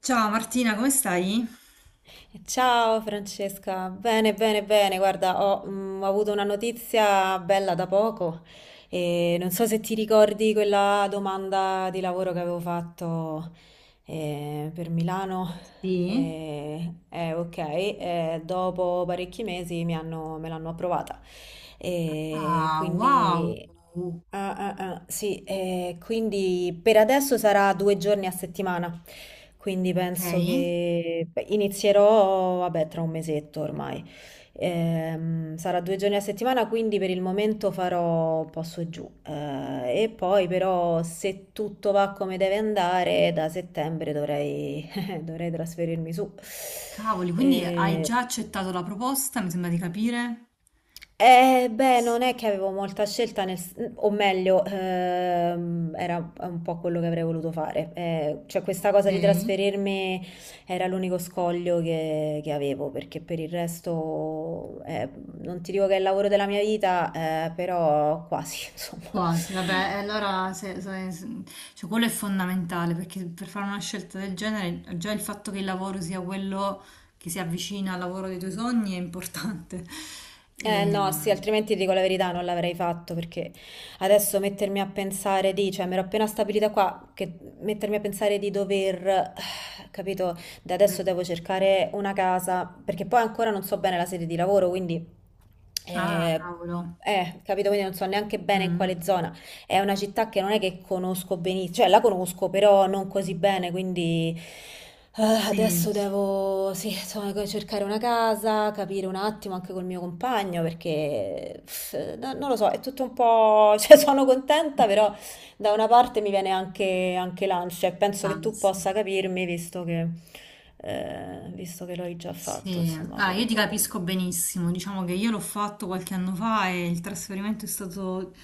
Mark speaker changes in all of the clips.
Speaker 1: Ciao Martina, come stai?
Speaker 2: Ciao Francesca, bene, bene, bene. Guarda, ho avuto una notizia bella da poco e non so se ti ricordi quella domanda di lavoro che avevo fatto per Milano.
Speaker 1: Sì.
Speaker 2: Ok, e dopo parecchi mesi me l'hanno approvata. E
Speaker 1: Ah, wow.
Speaker 2: quindi, sì, e quindi per adesso sarà due giorni a settimana. Quindi
Speaker 1: Ok.
Speaker 2: penso che beh, inizierò, vabbè, tra un mesetto ormai. Sarà due giorni a settimana, quindi per il momento farò un po' su e giù. E poi però se tutto va come deve andare, da settembre dovrei trasferirmi su.
Speaker 1: Cavoli, quindi hai
Speaker 2: Eh,
Speaker 1: già accettato la proposta, mi sembra di capire.
Speaker 2: Beh, non è che avevo molta scelta, o meglio, era un po' quello che avrei voluto fare. Cioè, questa
Speaker 1: Ok.
Speaker 2: cosa di trasferirmi era l'unico scoglio che avevo, perché per il resto, non ti dico che è il lavoro della mia vita, però quasi, insomma.
Speaker 1: Quasi, vabbè, e allora cioè, quello è fondamentale perché per fare una scelta del genere, già il fatto che il lavoro sia quello che si avvicina al lavoro dei tuoi sogni è importante.
Speaker 2: Eh no, sì,
Speaker 1: Ehm,
Speaker 2: altrimenti ti dico la verità, non l'avrei fatto perché adesso mettermi a pensare di, cioè mi ero appena stabilita qua, che mettermi a pensare di dover, capito, da adesso devo cercare una casa, perché poi ancora non so bene la sede di lavoro, quindi,
Speaker 1: ah,
Speaker 2: eh,
Speaker 1: cavolo.
Speaker 2: capito, quindi non so neanche bene in
Speaker 1: Mm,
Speaker 2: quale zona. È una città che non è che conosco benissimo, cioè la conosco, però non così bene, quindi eh,
Speaker 1: sì,
Speaker 2: adesso devo, sì, insomma, cercare una casa, capire un attimo anche col mio compagno perché pff, non lo so, è tutto un po', cioè sono contenta, però da una parte mi viene anche, anche l'ansia e penso che tu
Speaker 1: anzi.
Speaker 2: possa capirmi visto che l'hai già fatto,
Speaker 1: Sì,
Speaker 2: insomma,
Speaker 1: ah, io
Speaker 2: pure
Speaker 1: ti
Speaker 2: tu.
Speaker 1: capisco benissimo, diciamo che io l'ho fatto qualche anno fa e il trasferimento è stato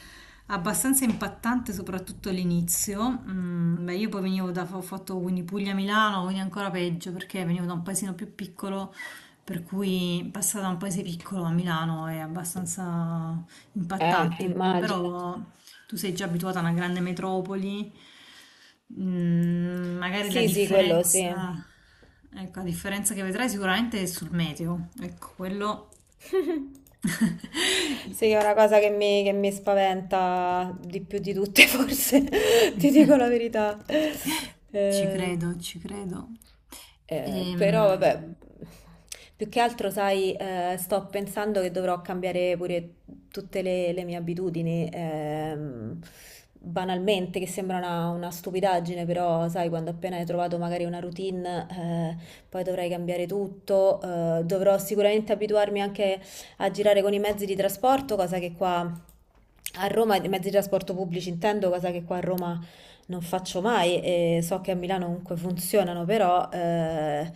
Speaker 1: abbastanza impattante, soprattutto all'inizio. Mm, beh, io poi venivo da, ho fatto quindi Puglia-Milano, quindi ancora peggio perché venivo da un paesino più piccolo, per cui passare da un paese piccolo a Milano è abbastanza impattante,
Speaker 2: Immagino.
Speaker 1: però tu sei già abituata a una grande metropoli, magari la
Speaker 2: Sì, sì, quello sì.
Speaker 1: differenza, ecco, la differenza che vedrai sicuramente è sul meteo, ecco, quello.
Speaker 2: Sì, è una cosa che che mi spaventa di più di tutte, forse, ti dico la verità.
Speaker 1: Ci
Speaker 2: Eh,
Speaker 1: credo, ci credo.
Speaker 2: Però, vabbè,
Speaker 1: Ehm,
Speaker 2: più che altro, sai, sto pensando che dovrò cambiare pure le mie abitudini, banalmente, che sembra una stupidaggine, però, sai, quando appena hai trovato magari una routine, poi dovrai cambiare tutto, dovrò sicuramente abituarmi anche a girare con i mezzi di trasporto, cosa che qua a Roma, i mezzi di trasporto pubblici intendo, cosa che qua a Roma non faccio mai e so che a Milano comunque funzionano, però eh,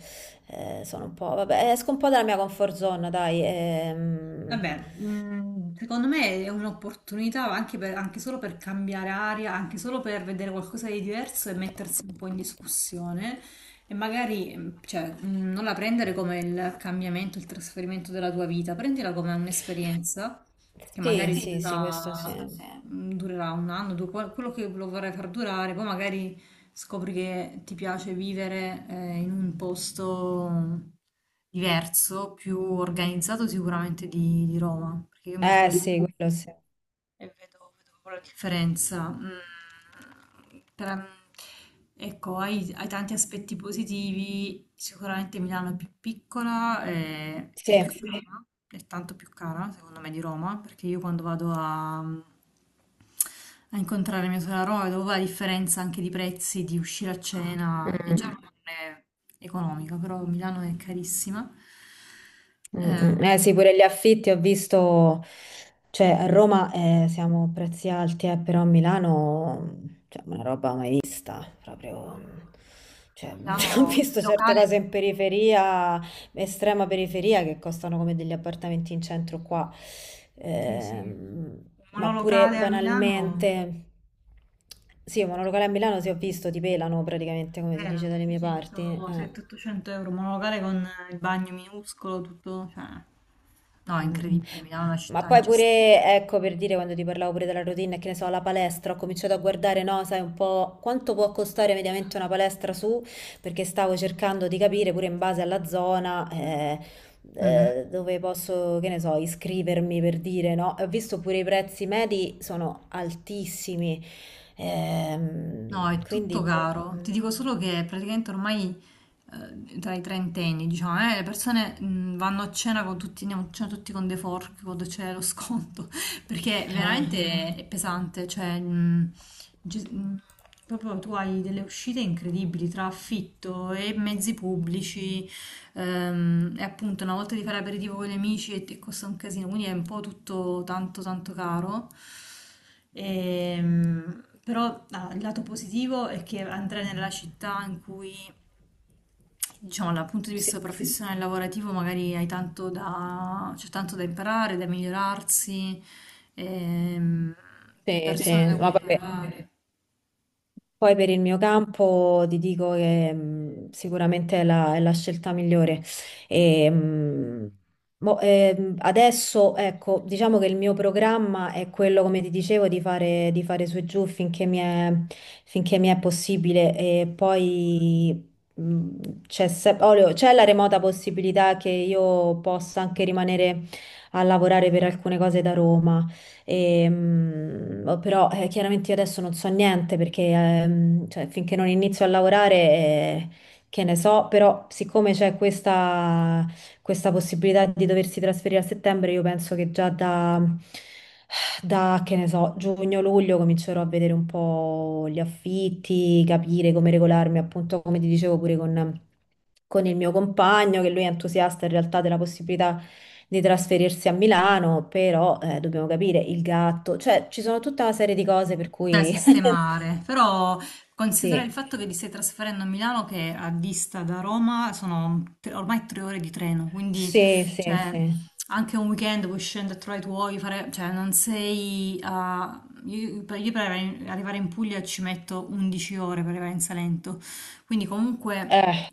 Speaker 2: eh, sono un po', vabbè, esco un po' dalla mia comfort zone, dai.
Speaker 1: Vabbè, mm, secondo me è un'opportunità anche, anche solo per cambiare aria, anche solo per vedere qualcosa di diverso e mettersi un po' in discussione e magari cioè, non la prendere come il cambiamento, il trasferimento della tua vita, prendila come un'esperienza che
Speaker 2: Sì,
Speaker 1: magari
Speaker 2: sì, sì, questo
Speaker 1: durerà,
Speaker 2: sì.
Speaker 1: questo durerà un anno, quello che lo vorrai far durare, poi magari scopri che ti piace vivere in un posto diverso, più organizzato sicuramente di Roma, perché io e mia
Speaker 2: Eh
Speaker 1: sorella...
Speaker 2: sì, quello sì.
Speaker 1: E vedo, vedo proprio la differenza. Per- ecco, hai tanti aspetti positivi. Sicuramente Milano è più piccola, e
Speaker 2: Sì.
Speaker 1: è più, sì, cara, è tanto più cara, secondo me, di Roma, perché io quando vado a incontrare mia sorella a Roma vedo la differenza anche di prezzi, di uscire a cena, e
Speaker 2: Mm.
Speaker 1: già non è economica, però Milano è carissima.
Speaker 2: Mm,
Speaker 1: Eh,
Speaker 2: mm. Eh sì, pure gli affitti ho visto, cioè a Roma siamo a prezzi alti, però a Milano cioè, una roba mai vista, proprio, cioè, ho
Speaker 1: Milano, il
Speaker 2: visto certe
Speaker 1: locale.
Speaker 2: cose in periferia, estrema periferia, che costano come degli appartamenti in centro qua.
Speaker 1: Sì, sì.
Speaker 2: Ehm,
Speaker 1: Un
Speaker 2: ma pure
Speaker 1: monolocale a Milano,
Speaker 2: banalmente, sì, un
Speaker 1: sì,
Speaker 2: monolocale a Milano sì ho visto, ti pelano praticamente, come si dice
Speaker 1: vero,
Speaker 2: dalle
Speaker 1: sì,
Speaker 2: mie
Speaker 1: sì,
Speaker 2: parti,
Speaker 1: sono
Speaker 2: eh.
Speaker 1: 700-800 euro, un monolocale con il bagno minuscolo, tutto, cioè... No, è
Speaker 2: Mm.
Speaker 1: incredibile, Milano è una
Speaker 2: Ma
Speaker 1: città
Speaker 2: poi
Speaker 1: ingestibile.
Speaker 2: pure, ecco, per dire quando ti parlavo pure della routine, che ne so, la palestra, ho cominciato a guardare, no, sai, un po' quanto può costare mediamente una palestra su, perché stavo cercando di capire pure in base alla zona, dove posso, che ne so, iscrivermi per dire, no? Ho visto pure i prezzi medi sono altissimi,
Speaker 1: No, è tutto
Speaker 2: quindi, boh,
Speaker 1: caro. Ti
Speaker 2: mm,
Speaker 1: dico solo che praticamente ormai tra i trentenni, diciamo, le persone vanno a cena con tutti, andiamo a cena tutti con dei fork quando c'è lo sconto, perché
Speaker 2: ah,
Speaker 1: veramente è pesante, cioè ge- mh, proprio tu hai delle uscite incredibili tra affitto e mezzi pubblici. E appunto una volta di fare aperitivo con gli amici e costa un casino, quindi è un po' tutto tanto tanto caro. Però ah, il lato positivo è che andrai nella città in cui, diciamo, dal punto di
Speaker 2: sì,
Speaker 1: vista professionale e lavorativo magari hai tanto da, c'è tanto da imparare, da migliorarsi, ehm,
Speaker 2: sì,
Speaker 1: persone
Speaker 2: sì,
Speaker 1: da
Speaker 2: ma
Speaker 1: cui
Speaker 2: vabbè.
Speaker 1: imparare.
Speaker 2: Poi per il mio campo ti dico che sicuramente è è la scelta migliore. E, adesso, ecco, diciamo che il mio programma è quello, come ti dicevo, di fare su e giù finché finché mi è possibile. E poi c'è se- olio- c'è la remota possibilità che io possa anche rimanere a lavorare per alcune cose da Roma. Oh, però chiaramente io adesso non so niente perché cioè, finché non inizio a lavorare, che ne so, però siccome c'è questa possibilità di doversi trasferire a settembre, io penso che già da che ne so, giugno-luglio comincerò a vedere un po' gli affitti, capire come regolarmi, appunto come ti dicevo pure con... con il mio compagno, che lui è entusiasta in realtà della possibilità di trasferirsi a Milano, però dobbiamo capire il gatto, cioè ci sono tutta una serie di cose per
Speaker 1: Da
Speaker 2: cui
Speaker 1: sistemare, però considera il
Speaker 2: sì,
Speaker 1: fatto che vi stai trasferendo a Milano che a vista da Roma sono ormai 3 ore di treno, quindi,
Speaker 2: sì,
Speaker 1: sì,
Speaker 2: sì,
Speaker 1: cioè,
Speaker 2: sì.
Speaker 1: anche un weekend puoi scendere a trovare i tuoi, fare, cioè non sei a... Io per arrivare in Puglia ci metto 11 ore per arrivare in Salento, quindi comunque
Speaker 2: Eh,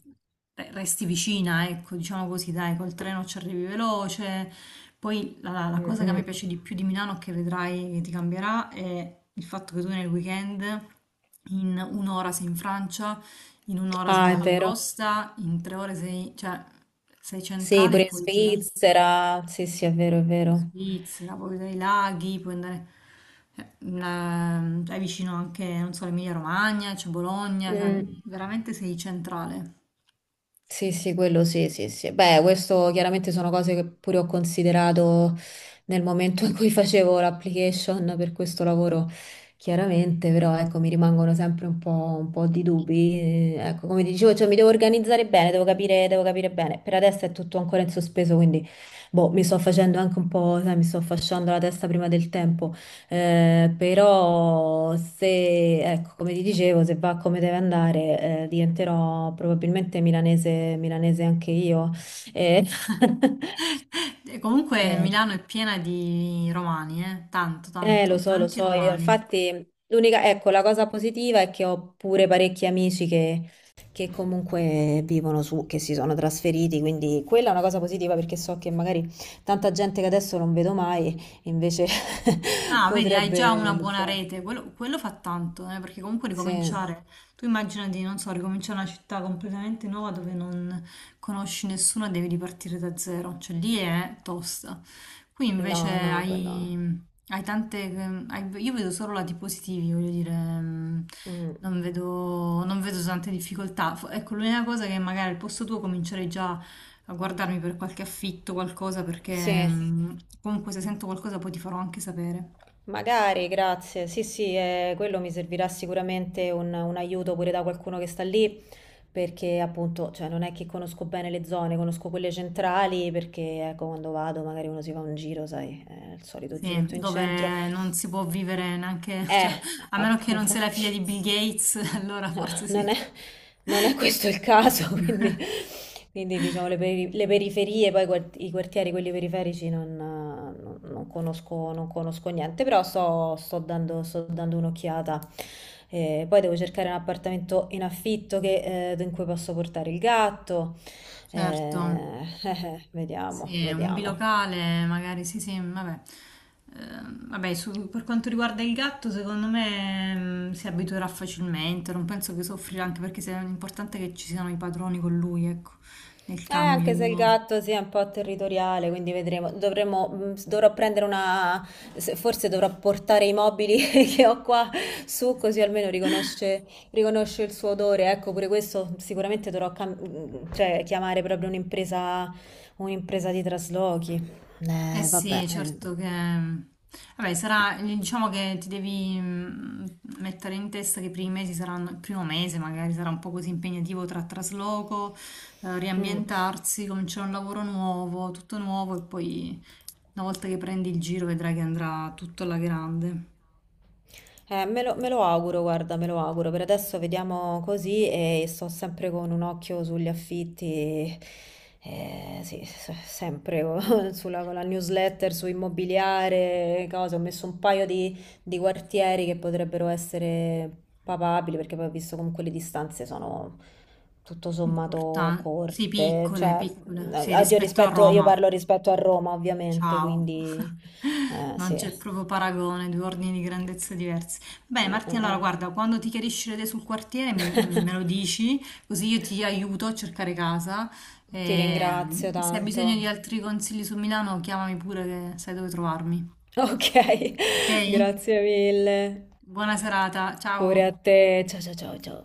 Speaker 1: beh, resti vicina, ecco, diciamo così, dai, col treno ci arrivi veloce, poi la
Speaker 2: mm,
Speaker 1: cosa che a me
Speaker 2: mm.
Speaker 1: piace di più di Milano, che vedrai che ti cambierà, è il fatto che tu nel weekend in un'ora sei in Francia, in un'ora sei in
Speaker 2: Ah, è
Speaker 1: Valle
Speaker 2: vero.
Speaker 1: d'Aosta, in 3 ore sei, cioè, sei
Speaker 2: Sì,
Speaker 1: centrale e
Speaker 2: pure in
Speaker 1: puoi girarti
Speaker 2: Svizzera. Sì, sì, è vero, è
Speaker 1: in
Speaker 2: vero.
Speaker 1: Svizzera, puoi vedere i laghi, puoi andare, cioè, è vicino anche, non so, Emilia Romagna, c'è Bologna, cioè
Speaker 2: Mm.
Speaker 1: veramente sei centrale.
Speaker 2: Sì, sì, quello sì, sì, sì. Beh, questo chiaramente sono cose che pure ho considerato nel momento in cui facevo l'application per questo lavoro, chiaramente, però ecco, mi rimangono sempre un po' di dubbi. Ecco, come ti dicevo, cioè, mi devo organizzare bene, devo capire bene. Per adesso è tutto ancora in sospeso, quindi boh, mi sto facendo anche un po', sai, mi sto fasciando la testa prima del tempo. Però se, ecco, come ti dicevo, se va come deve andare, diventerò probabilmente milanese anche io. Eh,
Speaker 1: E comunque
Speaker 2: eh,
Speaker 1: Milano è piena di romani, eh? Tanto,
Speaker 2: lo
Speaker 1: tanto,
Speaker 2: so, lo
Speaker 1: tanti
Speaker 2: so. Io,
Speaker 1: romani.
Speaker 2: infatti, l'unica, ecco, la cosa positiva è che ho pure parecchi amici che comunque vivono su, che si sono trasferiti, quindi quella è una cosa positiva perché so che magari tanta gente che adesso non vedo mai, invece
Speaker 1: Ah, vedi, hai già una
Speaker 2: potrebbe,
Speaker 1: buona
Speaker 2: so,
Speaker 1: rete, quello fa tanto, perché comunque
Speaker 2: sì.
Speaker 1: ricominciare, tu immaginati, non so, ricominciare una città completamente nuova dove non conosci nessuno e devi ripartire da zero, cioè lì è tosta. Qui invece
Speaker 2: No, no, quello...
Speaker 1: hai, tante, io vedo solo lati positivi, voglio dire, mm,
Speaker 2: mm.
Speaker 1: non vedo, non vedo tante difficoltà. Ecco, l'unica cosa è che magari al posto tuo comincerei già a guardarmi per qualche affitto, qualcosa, perché
Speaker 2: Sì,
Speaker 1: mm, comunque se sento qualcosa poi ti farò anche sapere.
Speaker 2: magari, grazie. Sì, sì, quello mi servirà sicuramente un aiuto pure da qualcuno che sta lì, perché appunto, cioè, non è che conosco bene le zone, conosco quelle centrali, perché ecco, quando vado magari uno si fa un giro, sai, il solito
Speaker 1: Sì,
Speaker 2: giretto in centro.
Speaker 1: dove non si può vivere neanche,
Speaker 2: Eh,
Speaker 1: cioè, a meno che non sei la figlia
Speaker 2: infatti,
Speaker 1: di Bill Gates, allora
Speaker 2: No,
Speaker 1: forse
Speaker 2: non è,
Speaker 1: sì.
Speaker 2: non è questo il caso, quindi, diciamo le periferie, poi i quartieri, quelli periferici, non, non conosco, non conosco niente, però sto dando un'occhiata. Poi devo cercare un appartamento in affitto che, in cui posso portare il gatto.
Speaker 1: Certo,
Speaker 2: Eh, vediamo,
Speaker 1: sì, un
Speaker 2: vediamo.
Speaker 1: bilocale magari, sì, sì, vabbè. Eh, vabbè, per quanto riguarda il gatto, secondo me si abituerà facilmente, non penso che soffrirà, anche perché è importante che ci siano i padroni con lui, ecco, nel
Speaker 2: Anche se il
Speaker 1: cambio.
Speaker 2: gatto sia un po' territoriale, quindi vedremo. Dovremo, dovrò prendere una, se- forse dovrò portare i mobili che ho qua su, così almeno riconosce il suo odore. Ecco, pure questo sicuramente cioè, chiamare proprio un'impresa di traslochi.
Speaker 1: Eh
Speaker 2: Vabbè.
Speaker 1: sì, certo che... Vabbè, sarà, diciamo che ti devi mettere in testa che i primi mesi saranno, il primo mese magari sarà un po' così impegnativo tra trasloco,
Speaker 2: Mm.
Speaker 1: riambientarsi, cominciare un lavoro nuovo, tutto nuovo e poi una volta che prendi il giro vedrai che andrà tutto alla grande.
Speaker 2: Me lo auguro, guarda, me lo auguro. Per adesso vediamo così e sto sempre con un occhio sugli affitti, sì, sempre con sulla, con la newsletter, su immobiliare, cose. Ho messo un paio di quartieri che potrebbero essere papabili, perché poi ho visto comunque le distanze sono tutto sommato
Speaker 1: Importante. Sì,
Speaker 2: corte.
Speaker 1: piccole,
Speaker 2: Cioè,
Speaker 1: piccole. Sì,
Speaker 2: oddio,
Speaker 1: rispetto a
Speaker 2: rispetto, io
Speaker 1: Roma.
Speaker 2: parlo rispetto a Roma, ovviamente,
Speaker 1: Ciao.
Speaker 2: quindi
Speaker 1: Non
Speaker 2: sì.
Speaker 1: c'è proprio paragone, due ordini di grandezza diversi. Bene,
Speaker 2: Mm, mm,
Speaker 1: Martina, allora
Speaker 2: mm.
Speaker 1: guarda, quando ti chiarisci le idee sul quartiere me lo dici, così io ti aiuto a cercare casa.
Speaker 2: Ti
Speaker 1: E,
Speaker 2: ringrazio
Speaker 1: se hai
Speaker 2: tanto.
Speaker 1: bisogno di altri consigli su Milano, chiamami pure che sai dove trovarmi.
Speaker 2: Ok,
Speaker 1: Ok?
Speaker 2: grazie mille.
Speaker 1: Buona serata,
Speaker 2: Pure a
Speaker 1: ciao.
Speaker 2: te. Ciao ciao ciao ciao.